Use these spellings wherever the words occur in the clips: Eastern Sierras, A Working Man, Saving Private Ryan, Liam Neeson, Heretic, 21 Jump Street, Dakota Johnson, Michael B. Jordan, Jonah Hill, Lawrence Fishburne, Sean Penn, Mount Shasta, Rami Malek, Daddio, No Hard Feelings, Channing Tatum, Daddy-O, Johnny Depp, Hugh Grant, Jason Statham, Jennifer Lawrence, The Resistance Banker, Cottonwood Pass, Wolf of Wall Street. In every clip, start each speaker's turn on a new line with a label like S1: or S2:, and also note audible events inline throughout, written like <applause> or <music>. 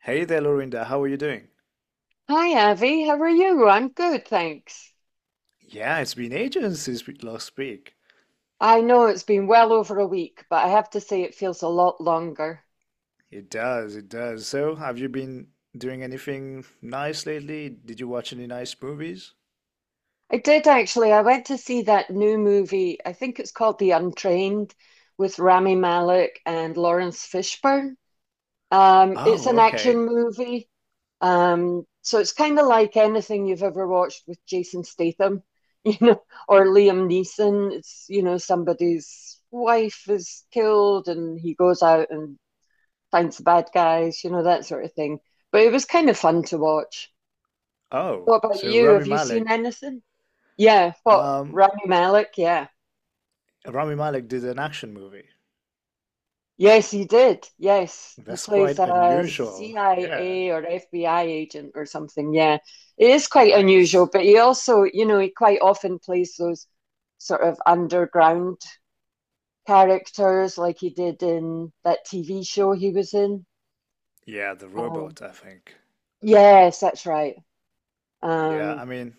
S1: Hey there, Lorinda. How are you doing?
S2: Hi, Avi. How are you? I'm good, thanks.
S1: Yeah, it's been ages since we last speak.
S2: I know it's been well over a week, but I have to say it feels a lot longer.
S1: It does, it does. So, have you been doing anything nice lately? Did you watch any nice movies?
S2: I did actually. I went to see that new movie. I think it's called The Untrained with Rami Malek and Lawrence Fishburne. It's
S1: Oh,
S2: an
S1: okay.
S2: action movie. So it's kind of like anything you've ever watched with Jason Statham, <laughs> you know, or Liam Neeson. It's, you know, somebody's wife is killed and he goes out and finds the bad guys, you know, that sort of thing. But it was kind of fun to watch.
S1: Oh,
S2: What about
S1: so
S2: you?
S1: Rami
S2: Have you seen
S1: Malek.
S2: anything? Yeah, what
S1: Um,
S2: Rami Malek? Yeah.
S1: Rami Malek did an action movie.
S2: Yes, he did. Yes, he
S1: That's
S2: plays
S1: quite
S2: a
S1: unusual. Yeah,
S2: CIA or FBI agent or something. Yeah, it is quite unusual,
S1: nice.
S2: but he also, you know, he quite often plays those sort of underground characters like he did in that TV show he was in.
S1: Yeah, The
S2: Um,
S1: Robot, I think.
S2: yes, that's right.
S1: Yeah, I
S2: Um,
S1: mean,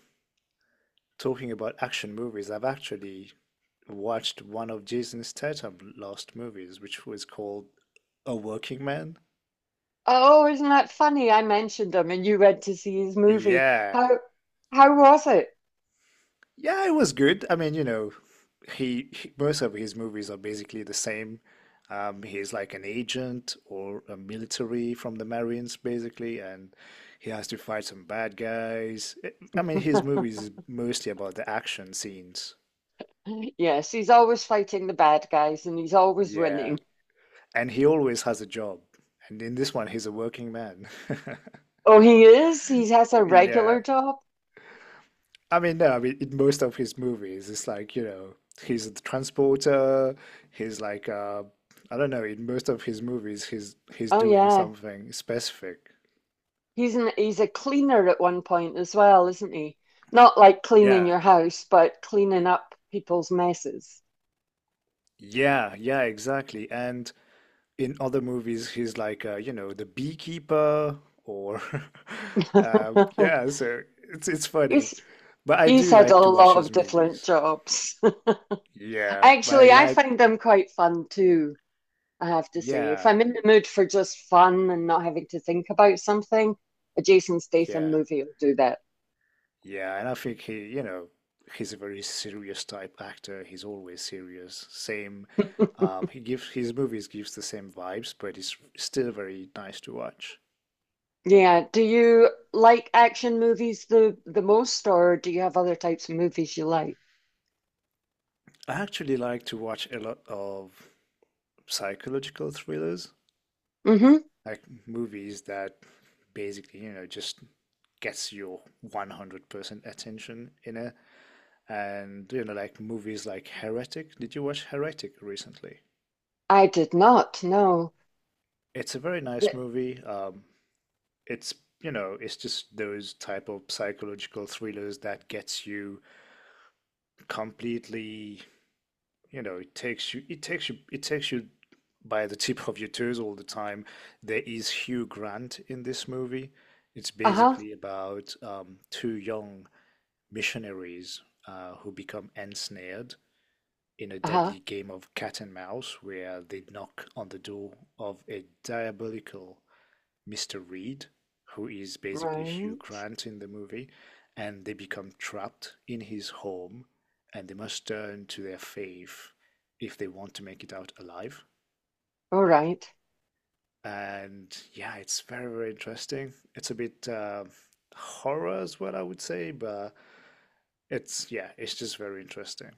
S1: talking about action movies, I've actually watched one of Jason Statham's last movies, which was called A Working Man?
S2: Oh, isn't that funny? I mentioned him and you went to see his movie.
S1: Yeah.
S2: How how was it?
S1: Yeah, it was good. I mean, you know, most of his movies are basically the same. He's like an agent or a military from the Marines, basically, and he has to fight some bad guys. I mean, his movies
S2: <laughs>
S1: is mostly about the action scenes.
S2: Yes, he's always fighting the bad guys and he's always
S1: Yeah.
S2: winning.
S1: And he always has a job. And in this one, he's a working man. <laughs>
S2: Oh, he is? He has a
S1: Yeah.
S2: regular job?
S1: I mean, no, I mean, in most of his movies, it's like, you know, he's a transporter, he's like, I don't know, in most of his movies, he's
S2: Oh
S1: doing
S2: yeah.
S1: something specific.
S2: He's a cleaner at one point as well, isn't he? Not like cleaning
S1: Yeah,
S2: your house, but cleaning up people's messes.
S1: yeah, yeah, exactly. And in other movies, he's like, you know, the beekeeper or, <laughs>
S2: <laughs>
S1: yeah, so it's funny.
S2: He's
S1: But I
S2: he's
S1: do
S2: had a
S1: like to watch
S2: lot
S1: his
S2: of different
S1: movies.
S2: jobs. <laughs>
S1: Yeah, but I
S2: Actually, I
S1: like,
S2: find them quite fun too. I have to say. If
S1: yeah,
S2: I'm in the mood for just fun and not having to think about something, a Jason Statham
S1: yeah.
S2: movie will do that.
S1: Yeah, and I think he, you know, he's a very serious type actor. He's always serious. Same,
S2: <laughs>
S1: he gives his movies gives the same vibes, but it's still very nice to watch.
S2: Yeah. Do you like action movies the most, or do you have other types of movies you like?
S1: I actually like to watch a lot of psychological thrillers,
S2: Mm-hmm.
S1: like movies that basically, you know, just gets your 100% attention in it. And, you know, like movies like Heretic. Did you watch Heretic recently?
S2: I did not. No.
S1: It's a very nice
S2: The,
S1: movie. It's you know it's just those type of psychological thrillers that gets you completely, you know, it takes you by the tip of your toes all the time. There is Hugh Grant in this movie. It's
S2: uh-huh.
S1: basically about two young missionaries who become ensnared in a
S2: Uh-huh.
S1: deadly game of cat and mouse where they knock on the door of a diabolical Mr. Reed, who is basically Hugh
S2: Right.
S1: Grant in the movie, and they become trapped in his home, and they must turn to their faith if they want to make it out alive.
S2: All right.
S1: And yeah, it's very, very interesting. It's a bit horror, is what I would say, but it's, yeah, it's just very interesting.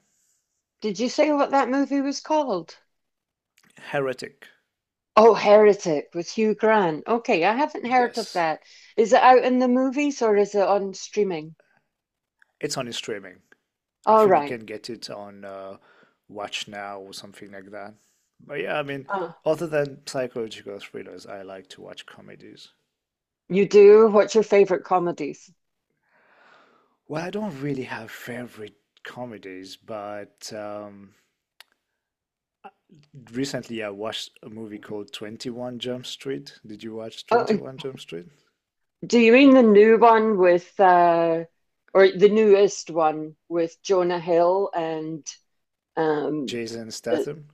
S2: Did you say what that movie was called?
S1: Heretic,
S2: Oh, Heretic with Hugh Grant. Okay, I haven't heard of
S1: yes.
S2: that. Is it out in the movies or is it on streaming?
S1: It's on streaming. I
S2: All
S1: think you
S2: right.
S1: can get it on Watch Now or something like that. But yeah, I mean, other than psychological thrillers, I like to watch comedies.
S2: You do? What's your favorite comedies?
S1: Well, I don't really have favorite comedies, but recently I watched a movie called 21 Jump Street. Did you watch
S2: Oh,
S1: 21 Jump Street?
S2: do you mean the new one with or the newest one with Jonah Hill and um
S1: Jason
S2: the,
S1: Statham?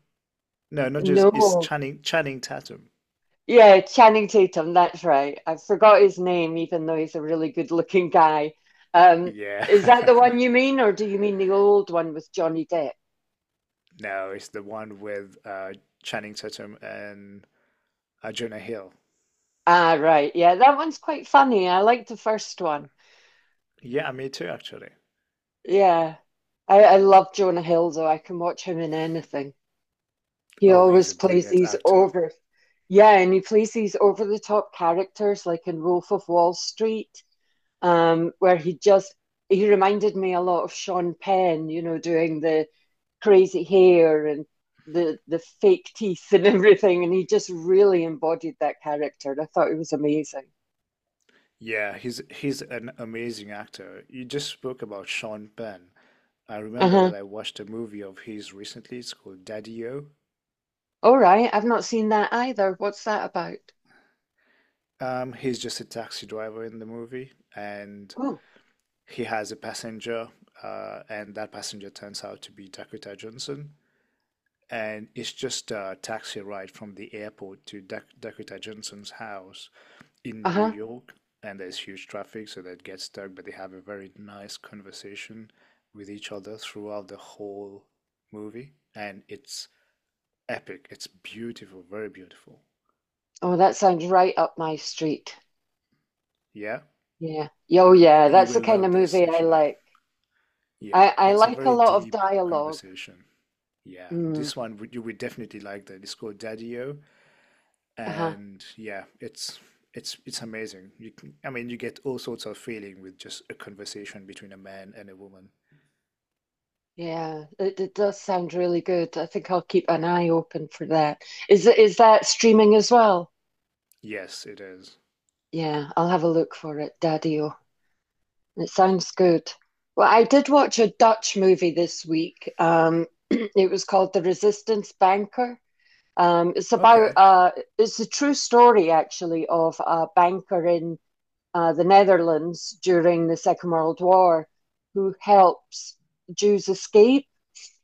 S1: No, not just, it's
S2: no.
S1: Channing Tatum.
S2: Yeah, Channing Tatum, that's right. I forgot his name even though he's a really good-looking guy. Um
S1: Yeah.
S2: is that the one you
S1: <laughs>
S2: mean or do you mean the old one with Johnny Depp?
S1: No, it's the one with Channing Tatum and Jonah Hill.
S2: Ah, right. Yeah, that one's quite funny. I like the first one.
S1: Yeah, me too, actually.
S2: Yeah. I love Jonah Hill though. I can watch him in anything. He
S1: Oh, he's a
S2: always plays
S1: brilliant
S2: these
S1: actor.
S2: over, yeah, and he plays these over the top characters, like in Wolf of Wall Street, where he just he reminded me a lot of Sean Penn, you know, doing the crazy hair and the fake teeth and <laughs> everything, and he just really embodied that character. And I thought it was amazing.
S1: Yeah, he's an amazing actor. You just spoke about Sean Penn. I remember
S2: Uh-huh.
S1: that I watched a movie of his recently. It's called Daddy-O.
S2: All right, I've not seen that either. What's that about?
S1: He's just a taxi driver in the movie, and
S2: Oh,
S1: he has a passenger, and that passenger turns out to be Dakota Johnson. And it's just a taxi ride from the airport to Dakota Johnson's house in New
S2: uh-huh.
S1: York, and there's huge traffic, so they get stuck, but they have a very nice conversation with each other throughout the whole movie, and it's epic. It's beautiful, very beautiful.
S2: Oh, that sounds right up my street.
S1: Yeah,
S2: Yeah. Oh, yeah.
S1: you
S2: That's
S1: will
S2: the kind
S1: love
S2: of
S1: this
S2: movie I
S1: if you like.
S2: like.
S1: Yeah,
S2: I
S1: it's a
S2: like a
S1: very
S2: lot of
S1: deep
S2: dialogue.
S1: conversation. Yeah,
S2: Mm,
S1: this one you would definitely like that. It's called Daddy-O,
S2: uh-huh.
S1: and yeah, it's amazing. You can, I mean, you get all sorts of feeling with just a conversation between a man and a woman.
S2: Yeah, it does sound really good. I think I'll keep an eye open for that. Is that streaming as well?
S1: Yes, it is.
S2: Yeah, I'll have a look for it, Daddio. It sounds good. Well, I did watch a Dutch movie this week. <clears throat> It was called The Resistance Banker. Um, it's about
S1: Okay.
S2: uh, it's a true story actually of a banker in the Netherlands during the Second World War, who helps Jews escape,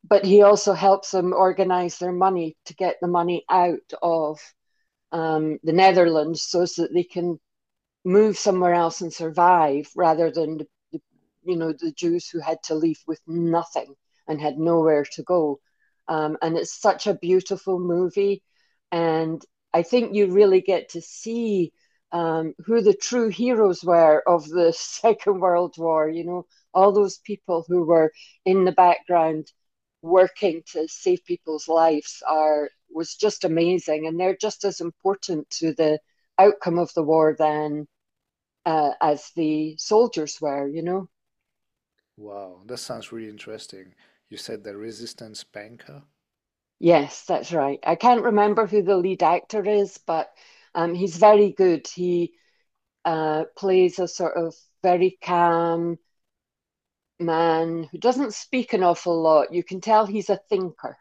S2: but he also helps them organize their money to get the money out of the Netherlands so that they can move somewhere else and survive rather than you know the Jews who had to leave with nothing and had nowhere to go. And it's such a beautiful movie, and I think you really get to see who the true heroes were of the <laughs> Second World War. You know, all those people who were in the background working to save people's lives are was just amazing, and they're just as important to the outcome of the war than as the soldiers were, you know?
S1: Wow, that sounds really interesting. You said the Resistance Banker?
S2: Yes, that's right. I can't remember who the lead actor is, but he's very good. He plays a sort of very calm man who doesn't speak an awful lot. You can tell he's a thinker.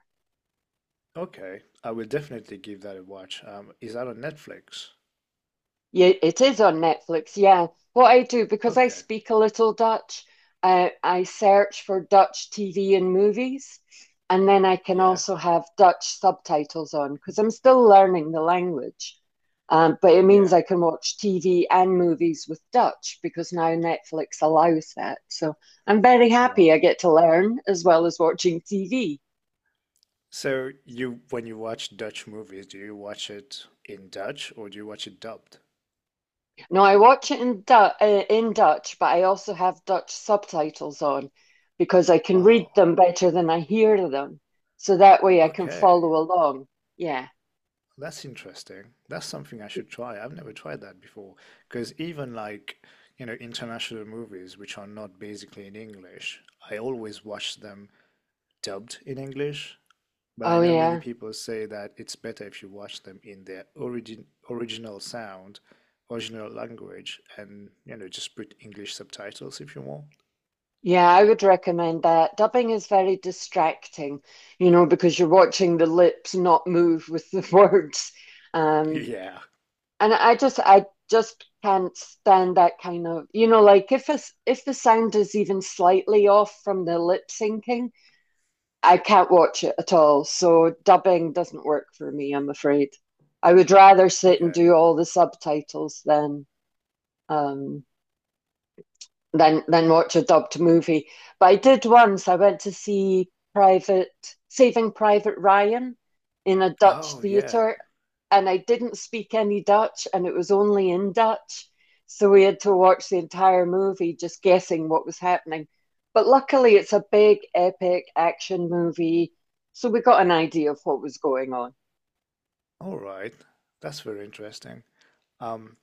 S1: Okay, I will definitely give that a watch. Is that on Netflix?
S2: Yeah, it is on Netflix. Yeah. What I do, because I
S1: Okay.
S2: speak a little Dutch, I search for Dutch TV and movies, and then I can
S1: Yeah.
S2: also have Dutch subtitles on because I'm still learning the language. But it means
S1: Yeah.
S2: I can watch TV and movies with Dutch because now Netflix allows that. So I'm very happy I
S1: Wow.
S2: get to learn as well as watching TV.
S1: So you when you watch Dutch movies, do you watch it in Dutch or do you watch it dubbed?
S2: No, I watch it in Dutch, but I also have Dutch subtitles on because I can read
S1: Wow.
S2: them better than I hear them. So that way I can
S1: Okay.
S2: follow along. Yeah.
S1: That's interesting. That's something I should try. I've never tried that before. Because even like, you know, international movies which are not basically in English, I always watch them dubbed in English, but I
S2: Oh,
S1: know many
S2: yeah.
S1: people say that it's better if you watch them in their original sound, original language, and you know just put English subtitles if you want.
S2: Yeah, I would recommend that. Dubbing is very distracting, you know, because you're watching the lips not move with the <laughs> words. Um,
S1: Yeah.
S2: and I, just, I just can't stand that kind of, you know, like if if the sound is even slightly off from the lip syncing, I can't watch it at all. So dubbing doesn't work for me, I'm afraid. I would rather sit and
S1: Okay.
S2: do all the subtitles than um, than watch a dubbed movie. But I did once. I went to see Private Saving Private Ryan in a Dutch
S1: Oh yeah.
S2: theater, and I didn't speak any Dutch, and it was only in Dutch, so we had to watch the entire movie just guessing what was happening. But luckily, it's a big epic action movie, so we got an idea of what was going on.
S1: All right. That's very interesting. Um,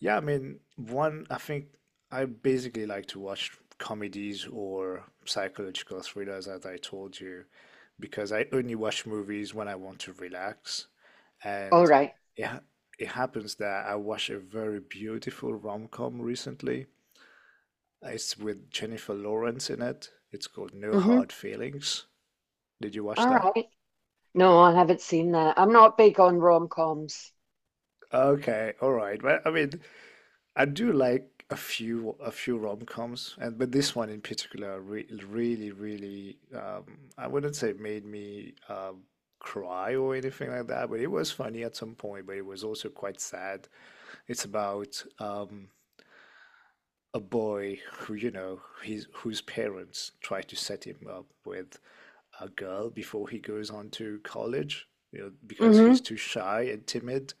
S1: Yeah, I mean, one, I think I basically like to watch comedies or psychological thrillers, as I told you, because I only watch movies when I want to relax.
S2: All
S1: And
S2: right.
S1: it, ha- it happens that I watched a very beautiful rom-com recently. It's with Jennifer Lawrence in it. It's called No
S2: Mm-hmm.
S1: Hard Feelings. Did you watch
S2: All
S1: that?
S2: right. No, I haven't seen that. I'm not big on rom-coms.
S1: Okay, all right. Well, I mean, I do like a few rom-coms, and but this one in particular re really really I wouldn't say it made me cry or anything like that, but it was funny at some point, but it was also quite sad. It's about a boy who, you know, his whose parents try to set him up with a girl before he goes on to college, you know, because he's
S2: Mm-hmm.
S1: too shy and timid,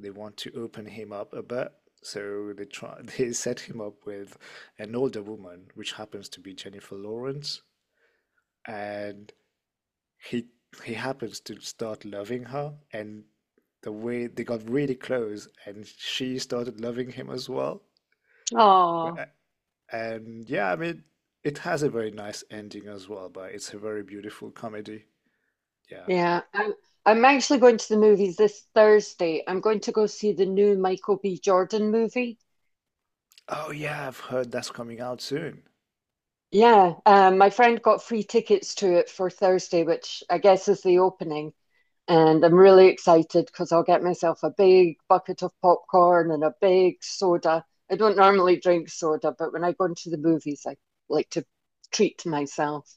S1: they want to open him up a bit, so they try <laughs> they set him up with an older woman which happens to be Jennifer Lawrence, and he happens to start loving her, and the way they got really close and she started loving him as well,
S2: Oh.
S1: and yeah, I mean, it has a very nice ending as well, but it's a very beautiful comedy. Yeah.
S2: Yeah, I'm actually going to the movies this Thursday. I'm going to go see the new Michael B. Jordan movie.
S1: Oh yeah, I've heard that's coming out soon.
S2: Yeah, my friend got free tickets to it for Thursday, which I guess is the opening. And I'm really excited because I'll get myself a big bucket of popcorn and a big soda. I don't normally drink soda, but when I go into the movies, I like to treat myself.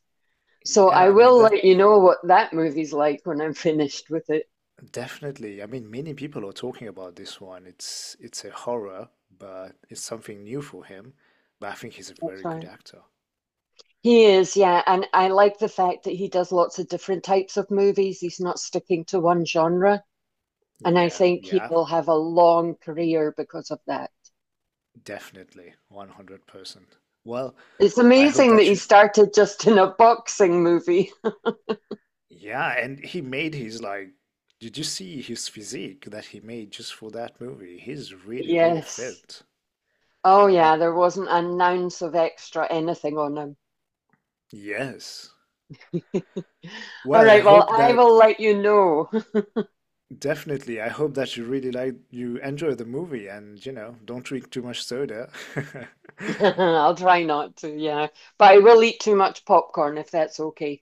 S2: So
S1: Yeah,
S2: I
S1: I mean
S2: will
S1: that
S2: let you know what that movie's like when I'm finished with it.
S1: definitely. I mean, many people are talking about this one. It's a horror, but it's something new for him. But I think he's a
S2: That's
S1: very good
S2: right.
S1: actor.
S2: He is, yeah, and I like the fact that he does lots of different types of movies. He's not sticking to one genre, and I
S1: Yeah,
S2: think he
S1: yeah,
S2: will have a long career because of that.
S1: definitely, 100%. Well,
S2: It's
S1: I hope
S2: amazing that
S1: that
S2: he
S1: you
S2: started just in a boxing movie. <laughs>
S1: Yeah, and he made his like, did you see his physique that he made just for that movie? He's really, really
S2: Yes.
S1: fit.
S2: Oh,
S1: Yeah.
S2: yeah, there wasn't an ounce of extra anything on him.
S1: Yes.
S2: <laughs> All
S1: Well, I
S2: right, well,
S1: hope
S2: I
S1: that
S2: will let you know.
S1: definitely, I hope that you really like you enjoy the movie and you know, don't drink too much soda. <laughs>
S2: <laughs> I'll try not to, yeah, but I will eat too much popcorn if that's okay.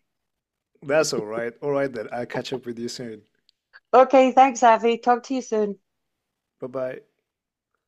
S1: That's all right. All right then. I'll catch up with you soon.
S2: Okay, thanks, Avi. Talk to you soon.
S1: Bye bye.